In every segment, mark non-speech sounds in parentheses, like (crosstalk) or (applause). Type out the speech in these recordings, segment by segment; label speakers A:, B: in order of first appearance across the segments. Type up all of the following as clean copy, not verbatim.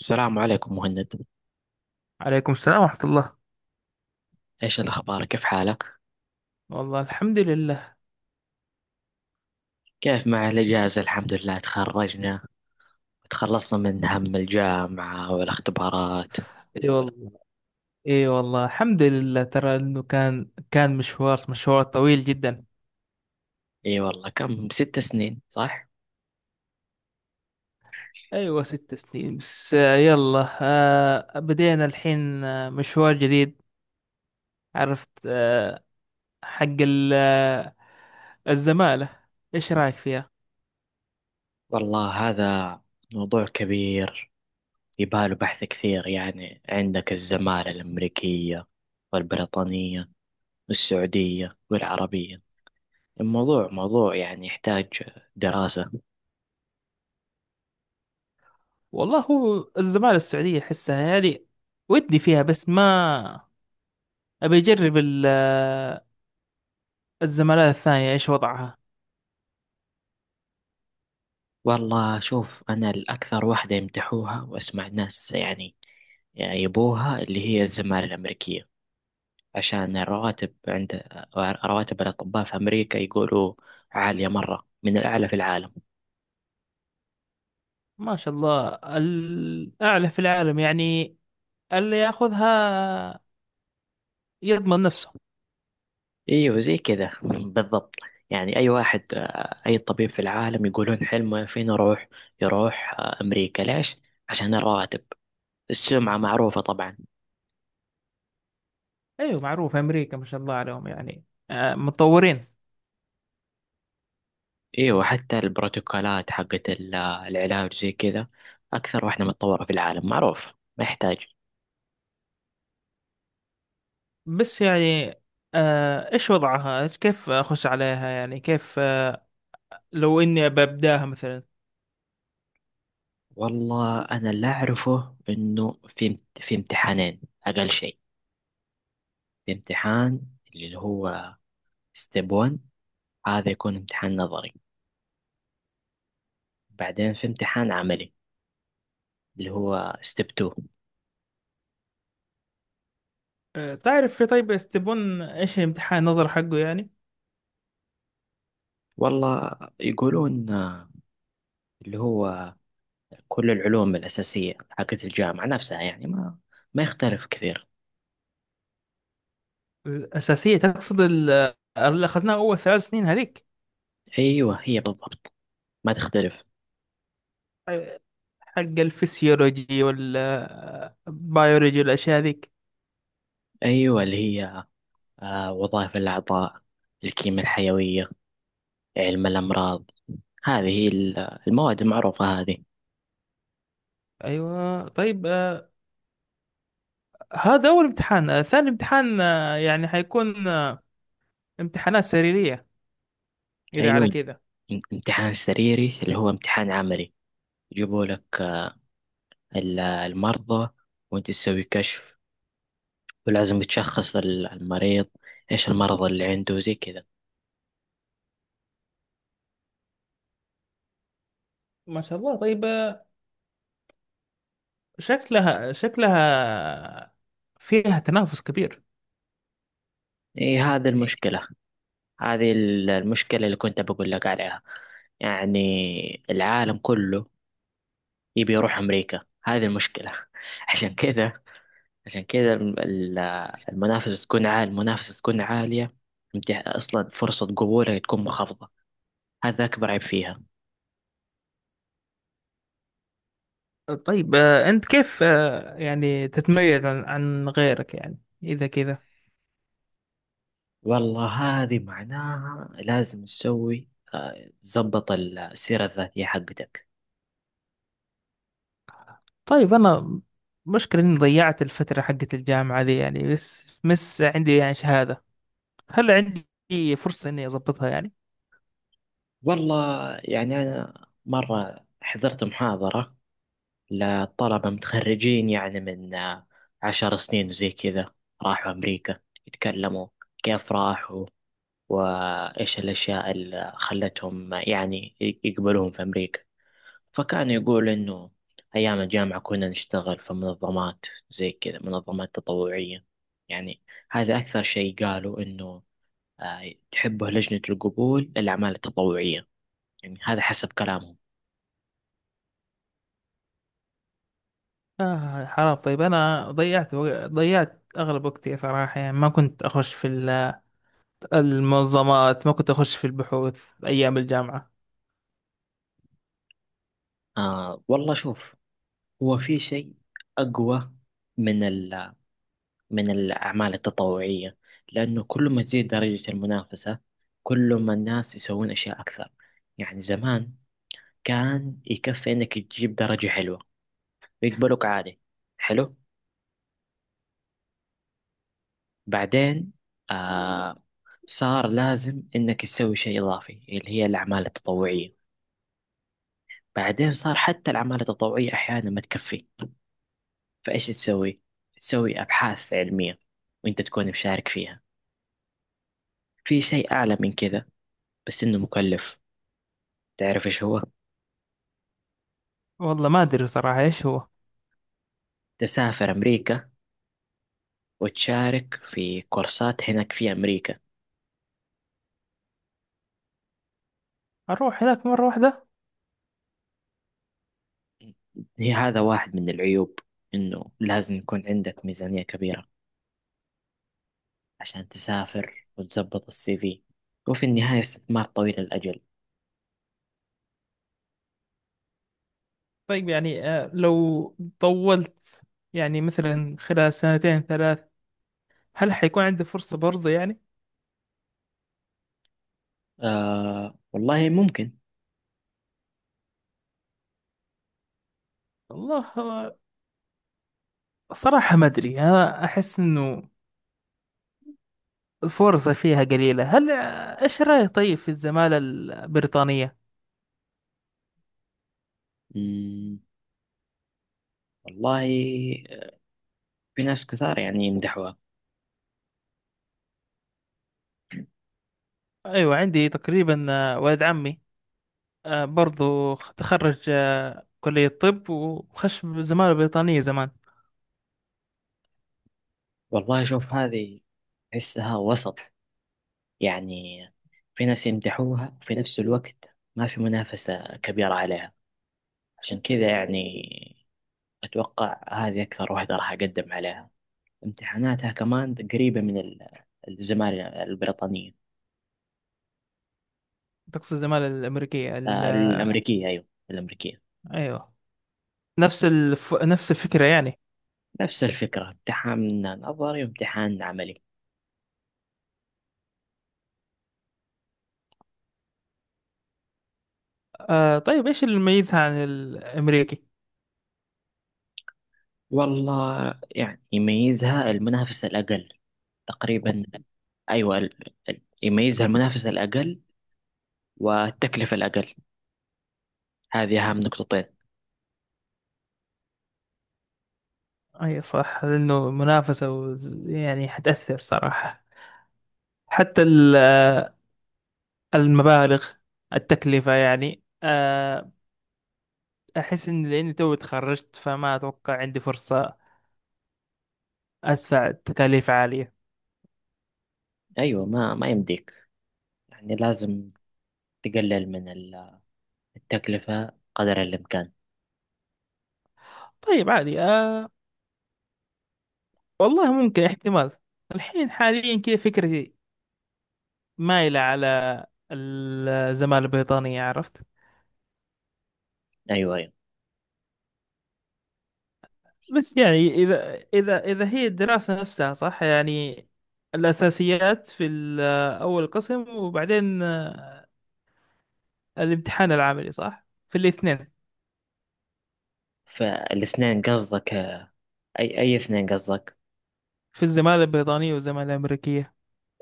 A: السلام عليكم، مهند.
B: عليكم السلام ورحمة الله.
A: ايش الاخبار؟ كيف حالك؟
B: والله الحمد لله.
A: كيف مع الاجازه؟ الحمد لله تخرجنا، تخلصنا من هم الجامعه والاختبارات.
B: اي والله. اي والله الحمد لله، ترى انه كان مشوار مشوار طويل جدا.
A: اي والله. كم، 6 سنين صح؟
B: ايوه ست سنين بس، يلا بدينا الحين، مشوار جديد. عرفت. حق الزمالة، ايش رايك فيها؟
A: والله هذا موضوع كبير، يباله بحث كثير. يعني عندك الزمالة الأمريكية والبريطانية والسعودية والعربية. الموضوع موضوع يعني يحتاج دراسة.
B: والله هو الزمالة السعودية احسها يعني ودي فيها، بس ما ابي اجرب الزمالة الثانية. ايش وضعها؟
A: والله شوف، أنا الأكثر واحدة يمدحوها وأسمع ناس يعني يبوها اللي هي الزمالة الأمريكية، عشان الرواتب. عند رواتب الأطباء في أمريكا يقولوا عالية مرة، من الأعلى في العالم.
B: ما شاء الله، الأعلى في العالم يعني. اللي ياخذها يضمن نفسه.
A: أيوه زي كذا (laughs) بالضبط. يعني أي واحد، أي طبيب في العالم يقولون حلمه فين يروح؟ يروح أمريكا. ليش؟ عشان الرواتب. السمعة معروفة طبعا.
B: أيوة معروف، أمريكا ما شاء الله عليهم يعني، متطورين.
A: ايوه، وحتى البروتوكولات حقت العلاج زي كذا اكثر واحدة متطورة في العالم، معروف، ما يحتاج.
B: بس يعني إيش وضعها؟ كيف أخش عليها يعني؟ كيف لو إني ببداها مثلا؟
A: والله انا اللي اعرفه انه في امتحانين اقل شيء. في امتحان اللي هو ستيب 1، هذا يكون امتحان نظري. بعدين في امتحان عملي اللي هو ستيب 2.
B: تعرف في طيب يستبون إيش الامتحان نظر حقه يعني؟
A: والله يقولون اللي هو كل العلوم الأساسية حقت الجامعة نفسها، يعني ما يختلف كثير.
B: الأساسية تقصد اللي أخذناه أول 3 سنين هذيك.
A: ايوه، هي بالضبط، ما تختلف.
B: آه، حق الفسيولوجي والبيولوجي والأشياء هذيك.
A: أيوة اللي هي وظائف الأعضاء، الكيمياء الحيوية، علم الأمراض. هذه هي المواد المعروفة هذه.
B: ايوه. طيب هذا اول امتحان، ثاني امتحان يعني حيكون امتحانات سريرية اذا على
A: أيوة،
B: كده.
A: امتحان سريري اللي هو امتحان عملي. يجيبوا لك المرضى، وأنت تسوي كشف، ولازم تشخص المريض إيش المرض اللي عنده زي كذا.
B: ما شاء الله. طيب شكلها فيها تنافس كبير.
A: إيه، هذه
B: إيه.
A: المشكلة. هذه المشكلة اللي كنت بقول لك عليها. يعني العالم كله يبي يروح أمريكا، هذه المشكلة. (laughs) عشان كذا، عشان كده المنافسة تكون عالية، المنافسة تكون عالية. أصلا فرصة قبولك تكون منخفضة، هذا أكبر عيب فيها.
B: طيب انت كيف يعني تتميز عن غيرك يعني اذا كذا؟
A: والله هذه معناها لازم تسوي، تظبط السيرة الذاتية حقتك.
B: طيب انا مشكلة اني ضيعت الفترة حقت الجامعة دي يعني، بس مس عندي يعني شهادة. هل عندي فرصة اني اضبطها يعني؟
A: والله يعني أنا مرة حضرت محاضرة لطلبة متخرجين يعني من 10 سنين وزي كذا، راحوا أمريكا يتكلموا كيف راحوا وإيش الأشياء اللي خلتهم يعني يقبلوهم في أمريكا. فكان يقول إنه أيام الجامعة كنا نشتغل في منظمات، زي كذا، منظمات تطوعية. يعني هذا أكثر شيء قالوا إنه تحبه لجنة القبول للأعمال التطوعية، يعني هذا حسب كلامهم.
B: آه، حرام. طيب أنا ضيعت أغلب وقتي صراحة يعني، ما كنت أخش في المنظمات، ما كنت أخش في البحوث أيام الجامعة.
A: والله شوف، هو في شيء أقوى من من الأعمال التطوعية. لأنه كل ما تزيد درجة المنافسة، كل ما الناس يسوون أشياء أكثر. يعني زمان كان يكفي إنك تجيب درجة حلوة ويقبلوك عادي، حلو. بعدين آه صار لازم إنك تسوي شيء إضافي، اللي هي الأعمال التطوعية. بعدين صار حتى الأعمال التطوعية أحيانا ما تكفي. فإيش تسوي؟ تسوي أبحاث علمية وأنت تكون مشارك فيها. في شيء أعلى من كذا، بس إنه مكلف. تعرف إيش هو؟
B: والله ما أدري صراحة إيش هو.
A: تسافر أمريكا وتشارك في كورسات هناك في أمريكا.
B: أروح هناك مرة واحدة؟
A: هي هذا واحد من العيوب، إنه لازم يكون عندك ميزانية كبيرة عشان تسافر وتظبط السي في، وفي النهاية استثمار طويل الأجل.
B: طيب يعني آه، لو طولت يعني مثلا خلال سنتين ثلاث، هل حيكون عندي فرصة برضه يعني؟
A: والله ممكن.
B: والله صراحة ما أدري. أنا أحس إنه الفرصة فيها قليلة. هل إيش رأيك طيب في الزمالة البريطانية؟
A: مم، والله في ناس كثار يعني يمدحوها.
B: أيوة عندي تقريبا ولد عمي برضو تخرج كلية طب وخش زمالة بريطانية زمان.
A: والله شوف، هذه أحسها وسط. يعني في ناس يمدحوها وفي نفس الوقت ما في منافسة كبيرة عليها، عشان كذا يعني أتوقع هذه أكثر واحدة راح أقدم عليها. امتحاناتها كمان قريبة من الزمالة البريطانية.
B: تقصد الزمالة الأمريكية
A: الأمريكية، أيوة الأمريكية.
B: أيوة. نفس الفكرة يعني.
A: نفس الفكرة، امتحان نظري وامتحان عملي.
B: آه طيب، إيش اللي يميزها عن الأمريكي؟
A: والله يعني يميزها المنافسة الأقل تقريبا. أيوة يميزها المنافسة الأقل والتكلفة الأقل. هذه أهم نقطتين.
B: أي صح، لأنه منافسة يعني حتأثر صراحة، حتى المبالغ، التكلفة يعني آه. أحس إن لأني تو تخرجت فما أتوقع عندي فرصة أدفع تكاليف عالية.
A: أيوة ما يمديك، يعني لازم تقلل من التكلفة قدر الإمكان.
B: طيب عادي آه. والله ممكن احتمال. الحين حاليا كذا فكرتي مايلة على الزمالة البريطانية، عرفت.
A: أيوة، أيوة.
B: بس يعني إذا هي الدراسة نفسها صح يعني؟ الأساسيات في أول قسم، وبعدين الامتحان العملي صح في الاثنين،
A: فالاثنين قصدك؟ أي اثنين قصدك؟
B: في الزمالة البريطانية والزمالة الأمريكية.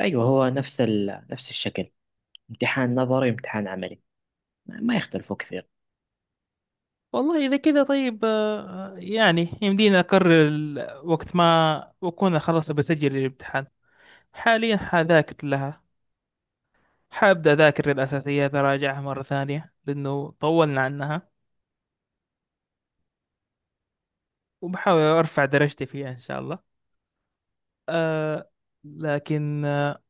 A: أيوه، هو نفس الشكل، امتحان نظري وامتحان عملي، ما يختلفوا كثير.
B: والله إذا كذا طيب يعني يمدينا أقرر وقت ما أكون خلاص بسجل الامتحان. حاليا حذاكر لها، حابدأ أذاكر الأساسيات أراجعها مرة ثانية لأنه طولنا عنها، وبحاول أرفع درجتي فيها إن شاء الله. أه. لكن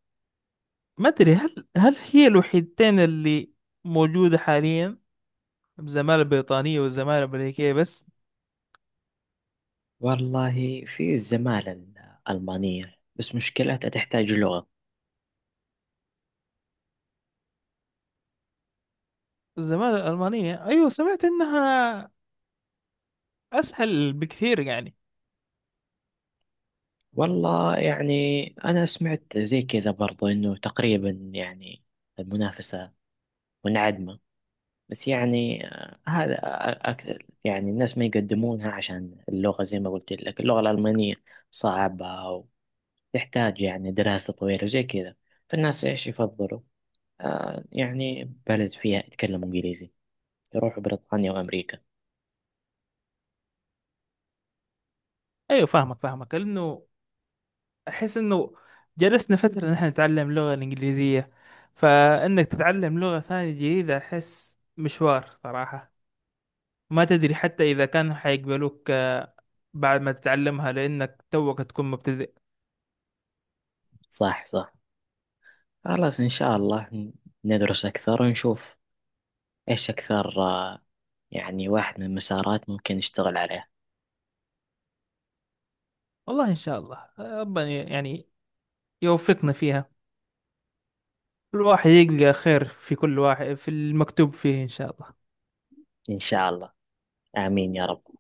B: ما أدري، هل هي الوحيدتين اللي موجودة حاليا؟ الزمالة البريطانية والزمالة الأمريكية بس؟
A: والله في الزمالة الألمانية، بس مشكلتها تحتاج لغة.
B: الزمالة الألمانية، أيوة سمعت إنها أسهل بكثير يعني.
A: والله يعني أنا سمعت زي كذا برضو إنه تقريبا يعني المنافسة منعدمة. بس يعني هذا أكثر، يعني الناس ما يقدمونها عشان اللغة. زي ما قلت لك اللغة الألمانية صعبة، يحتاج يعني دراسة طويلة زي كذا. فالناس إيش يفضلوا؟ يعني بلد فيها يتكلموا إنجليزي، يروحوا بريطانيا وأمريكا.
B: أيوة فاهمك فاهمك، لأنه أحس إنه جلسنا فترة نحن نتعلم اللغة الإنجليزية، فإنك تتعلم لغة ثانية جديدة أحس مشوار صراحة. ما تدري حتى إذا كانوا حيقبلوك بعد ما تتعلمها، لأنك توك تكون مبتدئ.
A: صح، صح. خلاص إن شاء الله، ندرس أكثر ونشوف إيش أكثر. يعني واحد من المسارات ممكن نشتغل عليها.
B: والله إن شاء الله ربنا يعني يوفقنا فيها. الواحد يلقى خير في كل واحد، في المكتوب فيه إن شاء الله.
A: إن شاء الله. آمين يا رب.